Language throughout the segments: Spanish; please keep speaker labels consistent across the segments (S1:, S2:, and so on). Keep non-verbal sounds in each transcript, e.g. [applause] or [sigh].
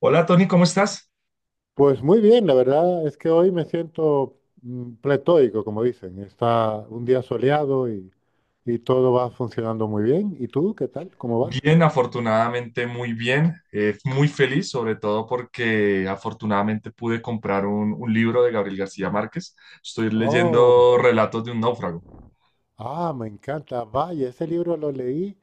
S1: Hola Tony, ¿cómo estás?
S2: Pues muy bien, la verdad es que hoy me siento pletóico, como dicen. Está un día soleado y todo va funcionando muy bien. ¿Y tú qué tal? ¿Cómo vas?
S1: Bien, afortunadamente muy bien, muy feliz sobre todo porque afortunadamente pude comprar un libro de Gabriel García Márquez. Estoy
S2: Oh,
S1: leyendo Relatos de un náufrago.
S2: ah, me encanta. Vaya, ese libro lo leí.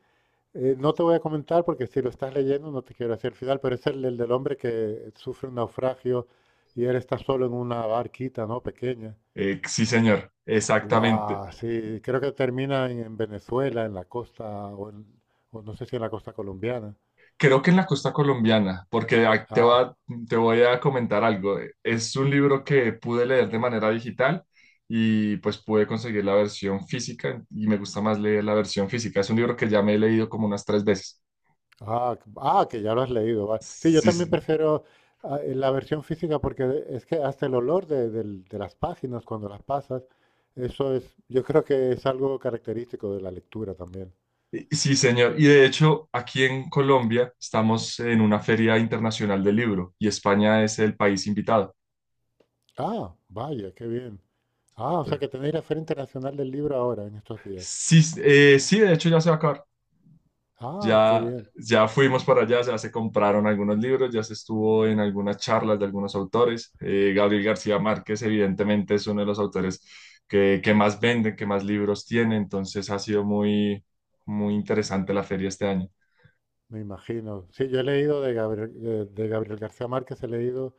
S2: No te voy a comentar porque si lo estás leyendo no te quiero decir el final, pero es el del hombre que sufre un naufragio y él está solo en una barquita, ¿no? Pequeña.
S1: Sí, señor, exactamente.
S2: Guau, sí, creo que termina en Venezuela, en la costa, o, en- o no sé si en la costa colombiana.
S1: Creo que en la costa colombiana, porque
S2: Ah.
S1: te voy a comentar algo. Es un libro que pude leer de manera digital y pues pude conseguir la versión física y me gusta más leer la versión física. Es un libro que ya me he leído como unas tres veces.
S2: Ah, que ya lo has leído. Va. Sí, yo
S1: Sí,
S2: también
S1: sí.
S2: prefiero, la versión física porque es que hasta el olor de las páginas cuando las pasas, eso es, yo creo que es algo característico de la lectura también.
S1: Sí, señor. Y de hecho, aquí en Colombia estamos en una feria internacional del libro y España es el país invitado.
S2: Ah, vaya, qué bien. Ah, o sea
S1: Entonces,
S2: que tenéis la Feria Internacional del Libro ahora, en estos días.
S1: sí, sí, de hecho ya se va a acabar.
S2: Ah, qué
S1: Ya,
S2: bien,
S1: ya fuimos para allá, ya se compraron algunos libros, ya se estuvo en algunas charlas de algunos autores. Gabriel García Márquez, evidentemente, es uno de los autores que más venden, que más libros tiene. Entonces ha sido muy, muy interesante la feria este año.
S2: me imagino. Sí, yo he leído de Gabriel García Márquez, he leído,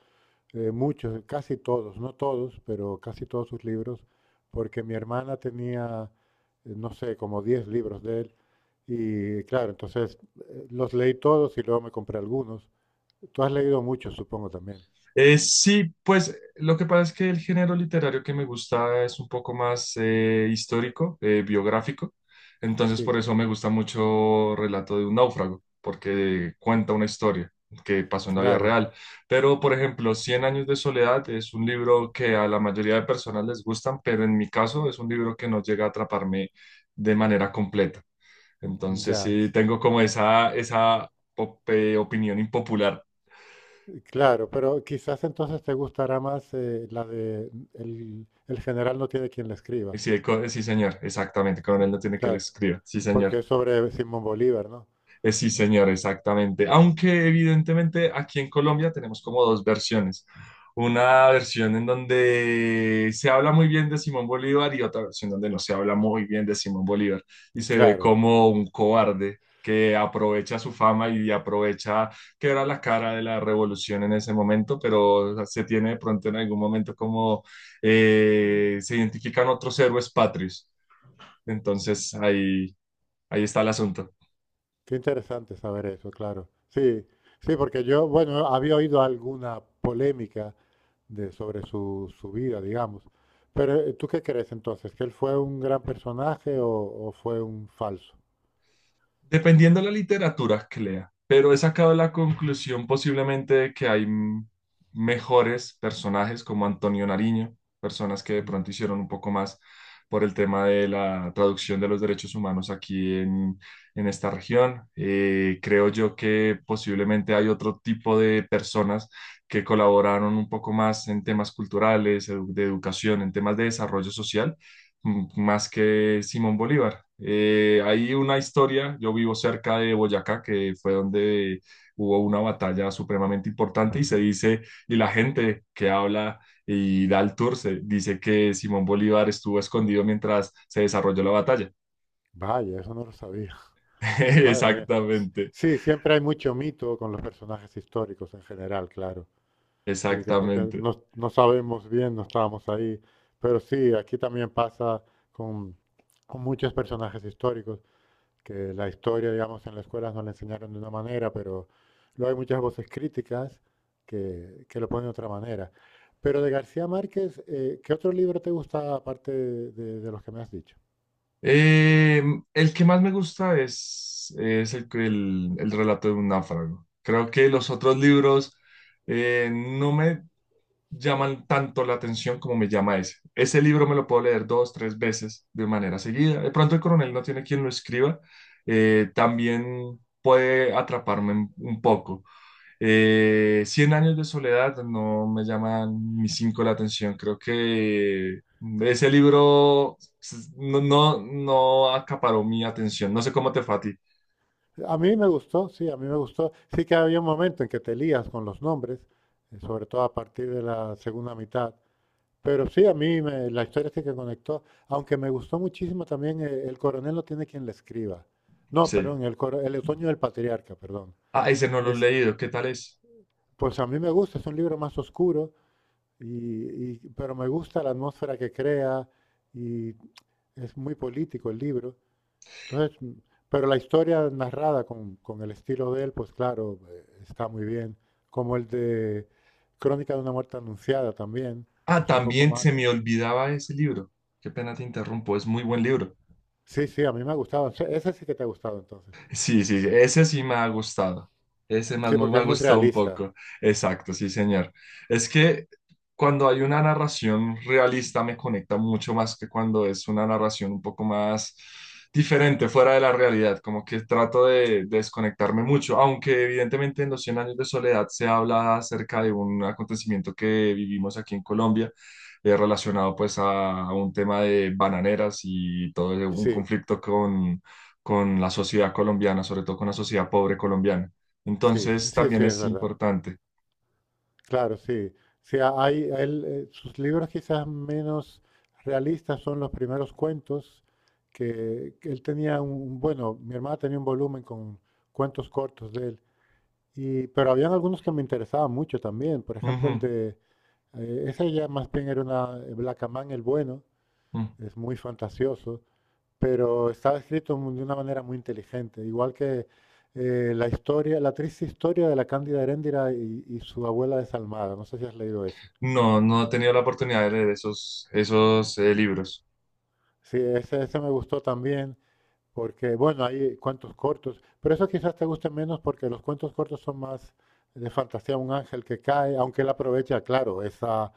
S2: muchos, casi todos, no todos, pero casi todos sus libros, porque mi hermana tenía, no sé, como 10 libros de él, y claro, entonces, los leí todos y luego me compré algunos. Tú has leído muchos, supongo también.
S1: Sí, pues lo que pasa es que el género literario que me gusta es un poco más histórico, biográfico, entonces
S2: Sí,
S1: por eso me gusta mucho Relato de un náufrago, porque cuenta una historia que pasó en la vida
S2: claro,
S1: real. Pero, por ejemplo, Cien años de soledad es un libro que a la mayoría de personas les gustan, pero en mi caso es un libro que no llega a atraparme de manera completa. Entonces
S2: ya,
S1: sí, tengo como esa opinión impopular.
S2: claro, pero quizás entonces te gustará más, la de el general no tiene quien le escriba,
S1: Sí, el sí, señor, exactamente. Coronel no tiene que lo
S2: claro,
S1: escriba. Sí, señor.
S2: porque es sobre Simón Bolívar, ¿no?
S1: Sí, señor, exactamente. Aunque evidentemente aquí en Colombia tenemos como dos versiones. Una versión en donde se habla muy bien de Simón Bolívar y otra versión donde no se habla muy bien de Simón Bolívar y se ve
S2: Claro.
S1: como un cobarde que aprovecha su fama y aprovecha que era la cara de la revolución en ese momento, pero se tiene de pronto en algún momento como se identifican otros héroes patrios. Entonces ahí, ahí está el asunto.
S2: Qué interesante saber eso, claro. Sí, sí, porque yo, bueno, había oído alguna polémica sobre su vida, digamos. Pero, ¿tú qué crees entonces? ¿Que él fue un gran personaje o fue un falso?
S1: Dependiendo de la literatura que lea, pero he sacado la conclusión posiblemente de que hay mejores personajes como Antonio Nariño, personas que de
S2: Mm,
S1: pronto hicieron un poco más por el tema de la traducción de los derechos humanos aquí en esta región. Creo yo que posiblemente hay otro tipo de personas que colaboraron un poco más en temas culturales, de educación, en temas de desarrollo social más que Simón Bolívar. Hay una historia, yo vivo cerca de Boyacá, que fue donde hubo una batalla supremamente importante y se dice, y la gente que habla y da el tour, se dice que Simón Bolívar estuvo escondido mientras se desarrolló la batalla.
S2: Vaya, eso no lo sabía. [laughs] Madre mía.
S1: [laughs] Exactamente,
S2: Sí, siempre hay mucho mito con los personajes históricos en general, claro. Sí, que porque
S1: exactamente.
S2: no sabemos bien, no estábamos ahí. Pero sí, aquí también pasa con, con muchos personajes históricos. Que la historia, digamos, en la escuela nos la enseñaron de una manera, pero luego hay muchas voces críticas que lo ponen de otra manera. Pero de García Márquez, ¿qué otro libro te gusta aparte de los que me has dicho?
S1: Eh, el que más me gusta es el relato de un náufrago. Creo que los otros libros no me llaman tanto la atención como me llama ese. Ese libro me lo puedo leer dos, tres veces de manera seguida. De pronto el coronel no tiene quien lo escriba. También puede atraparme un poco. Cien años de soledad no me llaman ni cinco la atención. Creo que ese libro no, no acaparó mi atención. No sé cómo te fue a ti.
S2: A mí me gustó, sí, a mí me gustó. Sí que había un momento en que te lías con los nombres, sobre todo a partir de la segunda mitad. Pero sí, la historia sí que conectó, aunque me gustó muchísimo también, El coronel no tiene quien le escriba. No,
S1: Sí.
S2: perdón, el otoño del patriarca, perdón.
S1: Ah, ese no lo he
S2: Es,
S1: leído. ¿Qué tal es?
S2: Pues a mí me gusta, es un libro más oscuro, pero me gusta la atmósfera que crea y es muy político el libro. Entonces, pero la historia narrada con el estilo de él, pues claro, está muy bien. Como el de Crónica de una muerte anunciada también,
S1: Ah,
S2: es un poco
S1: también
S2: más.
S1: se me olvidaba ese libro. Qué pena te interrumpo. Es muy buen libro.
S2: Sí, sí, a mí me ha gustado. Ese sí que te ha gustado entonces.
S1: Sí, sí, sí, ese sí me ha gustado. Ese más
S2: Sí,
S1: me
S2: porque
S1: me
S2: es
S1: ha
S2: muy
S1: gustado un
S2: realista.
S1: poco. Exacto, sí, señor. Es que cuando hay una narración realista me conecta mucho más que cuando es una narración un poco más diferente, fuera de la realidad. Como que trato de desconectarme mucho, aunque evidentemente en Los 100 años de soledad se habla acerca de un acontecimiento que vivimos aquí en Colombia. Relacionado pues a un tema de bananeras y todo un
S2: Sí,
S1: conflicto con la sociedad colombiana, sobre todo con la sociedad pobre colombiana.
S2: sí, sí,
S1: Entonces,
S2: sí,
S1: también
S2: sí, es
S1: es
S2: verdad.
S1: importante.
S2: Claro, sí. Sí, hay, a él, sus libros quizás menos realistas son los primeros cuentos que él tenía bueno, mi hermana tenía un volumen con cuentos cortos de él, y, pero habían algunos que me interesaban mucho también, por ejemplo el
S1: Ujú,
S2: ese ya más bien era una, Blacamán el Bueno,
S1: ujú.
S2: es muy fantasioso, pero estaba escrito, de una manera muy inteligente, igual que, la historia, la triste historia de la Cándida Heréndira y su abuela desalmada, no sé si has leído ese.
S1: No, no he tenido la oportunidad de leer esos, esos libros.
S2: Sí, ese me gustó también, porque bueno, hay cuentos cortos, pero eso quizás te guste menos porque los cuentos cortos son más de fantasía, un ángel que cae, aunque él aprovecha, claro, esa,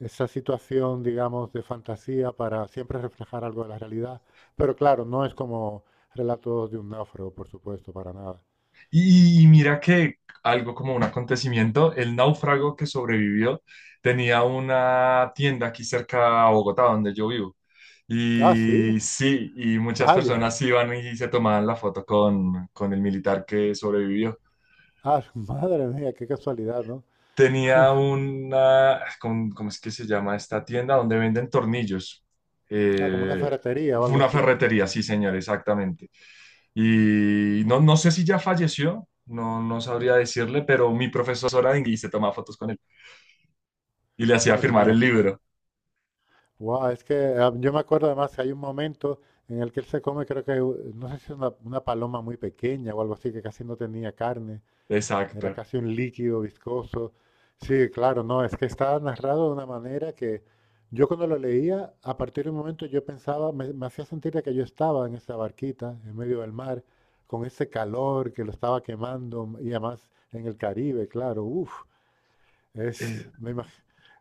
S2: esa situación, digamos, de fantasía para siempre reflejar algo de la realidad, pero claro, no es como relatos de un náufrago, por supuesto, para nada.
S1: Y mira que algo como un acontecimiento, el náufrago que sobrevivió tenía una tienda aquí cerca a Bogotá, donde yo vivo.
S2: Ah, sí,
S1: Y sí, y muchas
S2: vaya,
S1: personas iban y se tomaban la foto con el militar que sobrevivió.
S2: ah, [laughs] madre mía, qué casualidad, ¿no?
S1: Tenía una, ¿cómo, cómo es que se llama esta tienda? Donde venden tornillos.
S2: Ah, como una
S1: Eh,
S2: ferretería o
S1: Fue
S2: algo
S1: una
S2: así,
S1: ferretería, sí, señor, exactamente. Y no, no sé si ya falleció, no, no sabría decirle, pero mi profesora de inglés se tomaba fotos con él y le hacía
S2: madre
S1: firmar el
S2: mía.
S1: libro.
S2: Guau, es que, yo me acuerdo además que hay un momento en el que él se come, creo que, no sé si es una paloma muy pequeña o algo así, que casi no tenía carne, era
S1: Exacto.
S2: casi un líquido viscoso. Sí, claro, no, es que estaba narrado de una manera que yo cuando lo leía, a partir de un momento yo pensaba, me hacía sentir de que yo estaba en esa barquita, en medio del mar, con ese calor que lo estaba quemando, y además en el Caribe, claro, uff,
S1: Eh,
S2: es me imag-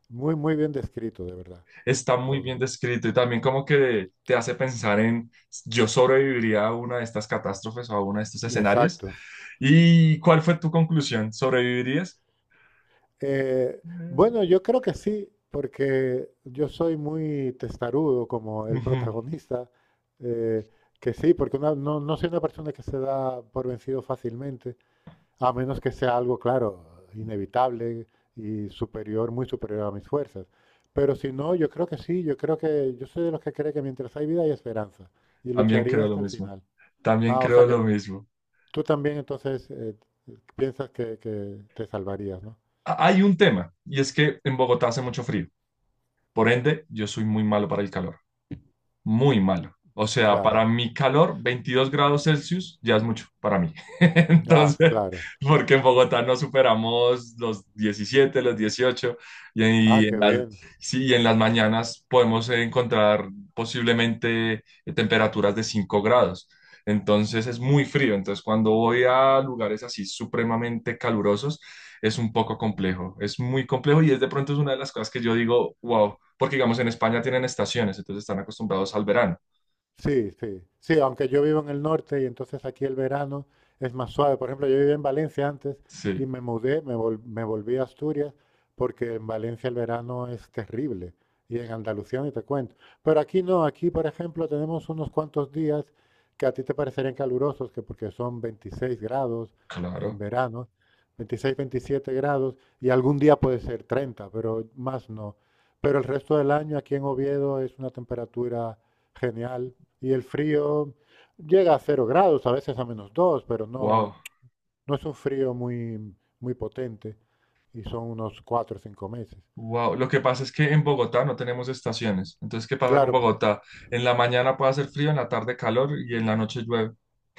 S2: muy, muy bien descrito, de verdad,
S1: Está muy
S2: todo.
S1: bien descrito y también como que te hace pensar en, yo sobreviviría a una de estas catástrofes o a uno de estos escenarios.
S2: Exacto.
S1: ¿Y cuál fue tu conclusión? ¿Sobrevivirías?
S2: Bueno, yo creo que sí, porque yo soy muy testarudo como el
S1: Ujú,
S2: protagonista, eh, que sí, porque no soy una persona que se da por vencido fácilmente, a menos que sea algo, claro, inevitable y superior, muy superior a mis fuerzas. Pero si no, yo creo que sí, yo creo que yo soy de los que cree que mientras hay vida hay esperanza y
S1: también
S2: lucharía
S1: creo lo
S2: hasta el
S1: mismo.
S2: final.
S1: También
S2: Ah, o
S1: creo
S2: sea
S1: lo
S2: que
S1: mismo.
S2: tú también entonces, piensas que te salvarías, ¿no?
S1: Hay un tema, y es que en Bogotá hace mucho frío. Por ende, yo soy muy malo para el calor. Muy malo. O sea, para
S2: Claro.
S1: mi calor, 22 grados Celsius ya es mucho para mí. [laughs]
S2: Ah,
S1: Entonces,
S2: claro.
S1: porque en Bogotá no superamos los 17, los 18, y
S2: Ah,
S1: y
S2: qué
S1: en las,
S2: bien.
S1: sí, y en las mañanas podemos encontrar posiblemente temperaturas de 5 grados. Entonces es muy frío. Entonces, cuando voy a lugares así supremamente calurosos, es un poco complejo. Es muy complejo y es de pronto es una de las cosas que yo digo, wow, porque, digamos, en España tienen estaciones, entonces están acostumbrados al verano.
S2: Sí, sí, sí, aunque yo vivo en el norte y entonces aquí el verano es más suave. Por ejemplo, yo vivía en Valencia antes y
S1: Sí,
S2: me mudé, me volví a Asturias porque en Valencia el verano es terrible y en Andalucía ni te cuento. Pero aquí no, aquí por ejemplo tenemos unos cuantos días que a ti te parecerían calurosos, que porque son 26 grados en
S1: claro.
S2: verano, 26, 27 grados y algún día puede ser 30, pero más no. Pero el resto del año aquí en Oviedo es una temperatura genial. Y el frío llega a 0 grados, a veces a -2, pero no,
S1: Wow,
S2: no es un frío muy, muy potente y son unos 4 o 5 meses.
S1: wow. Lo que pasa es que en Bogotá no tenemos estaciones. Entonces, ¿qué pasa con
S2: Claro,
S1: Bogotá? En la mañana puede hacer frío, en la tarde calor y en la noche llueve.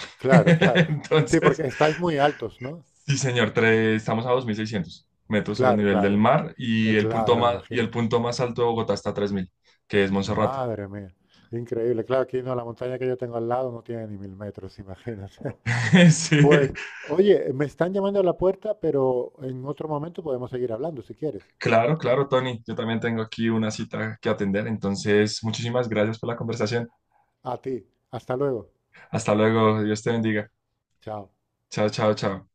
S1: [laughs]
S2: claro, claro. Sí,
S1: Entonces,
S2: porque estáis muy altos, ¿no?
S1: sí, señor, estamos a 2.600 metros sobre el
S2: Claro,
S1: nivel del
S2: claro,
S1: mar y el punto
S2: claro,
S1: más, y el
S2: imagínate.
S1: punto más alto de Bogotá está a 3.000, que es Monserrate.
S2: Madre mía, increíble. Claro, aquí no, la montaña que yo tengo al lado no tiene ni 1.000 metros, imagínate.
S1: [laughs]
S2: [laughs]
S1: Sí,
S2: Pues, oye, me están llamando a la puerta, pero en otro momento podemos seguir hablando si quieres.
S1: claro, claro, Tony. Yo también tengo aquí una cita que atender. Entonces, muchísimas gracias por la conversación.
S2: A ti, hasta luego.
S1: Hasta luego, Dios te bendiga.
S2: Chao.
S1: Chao, chao, chao.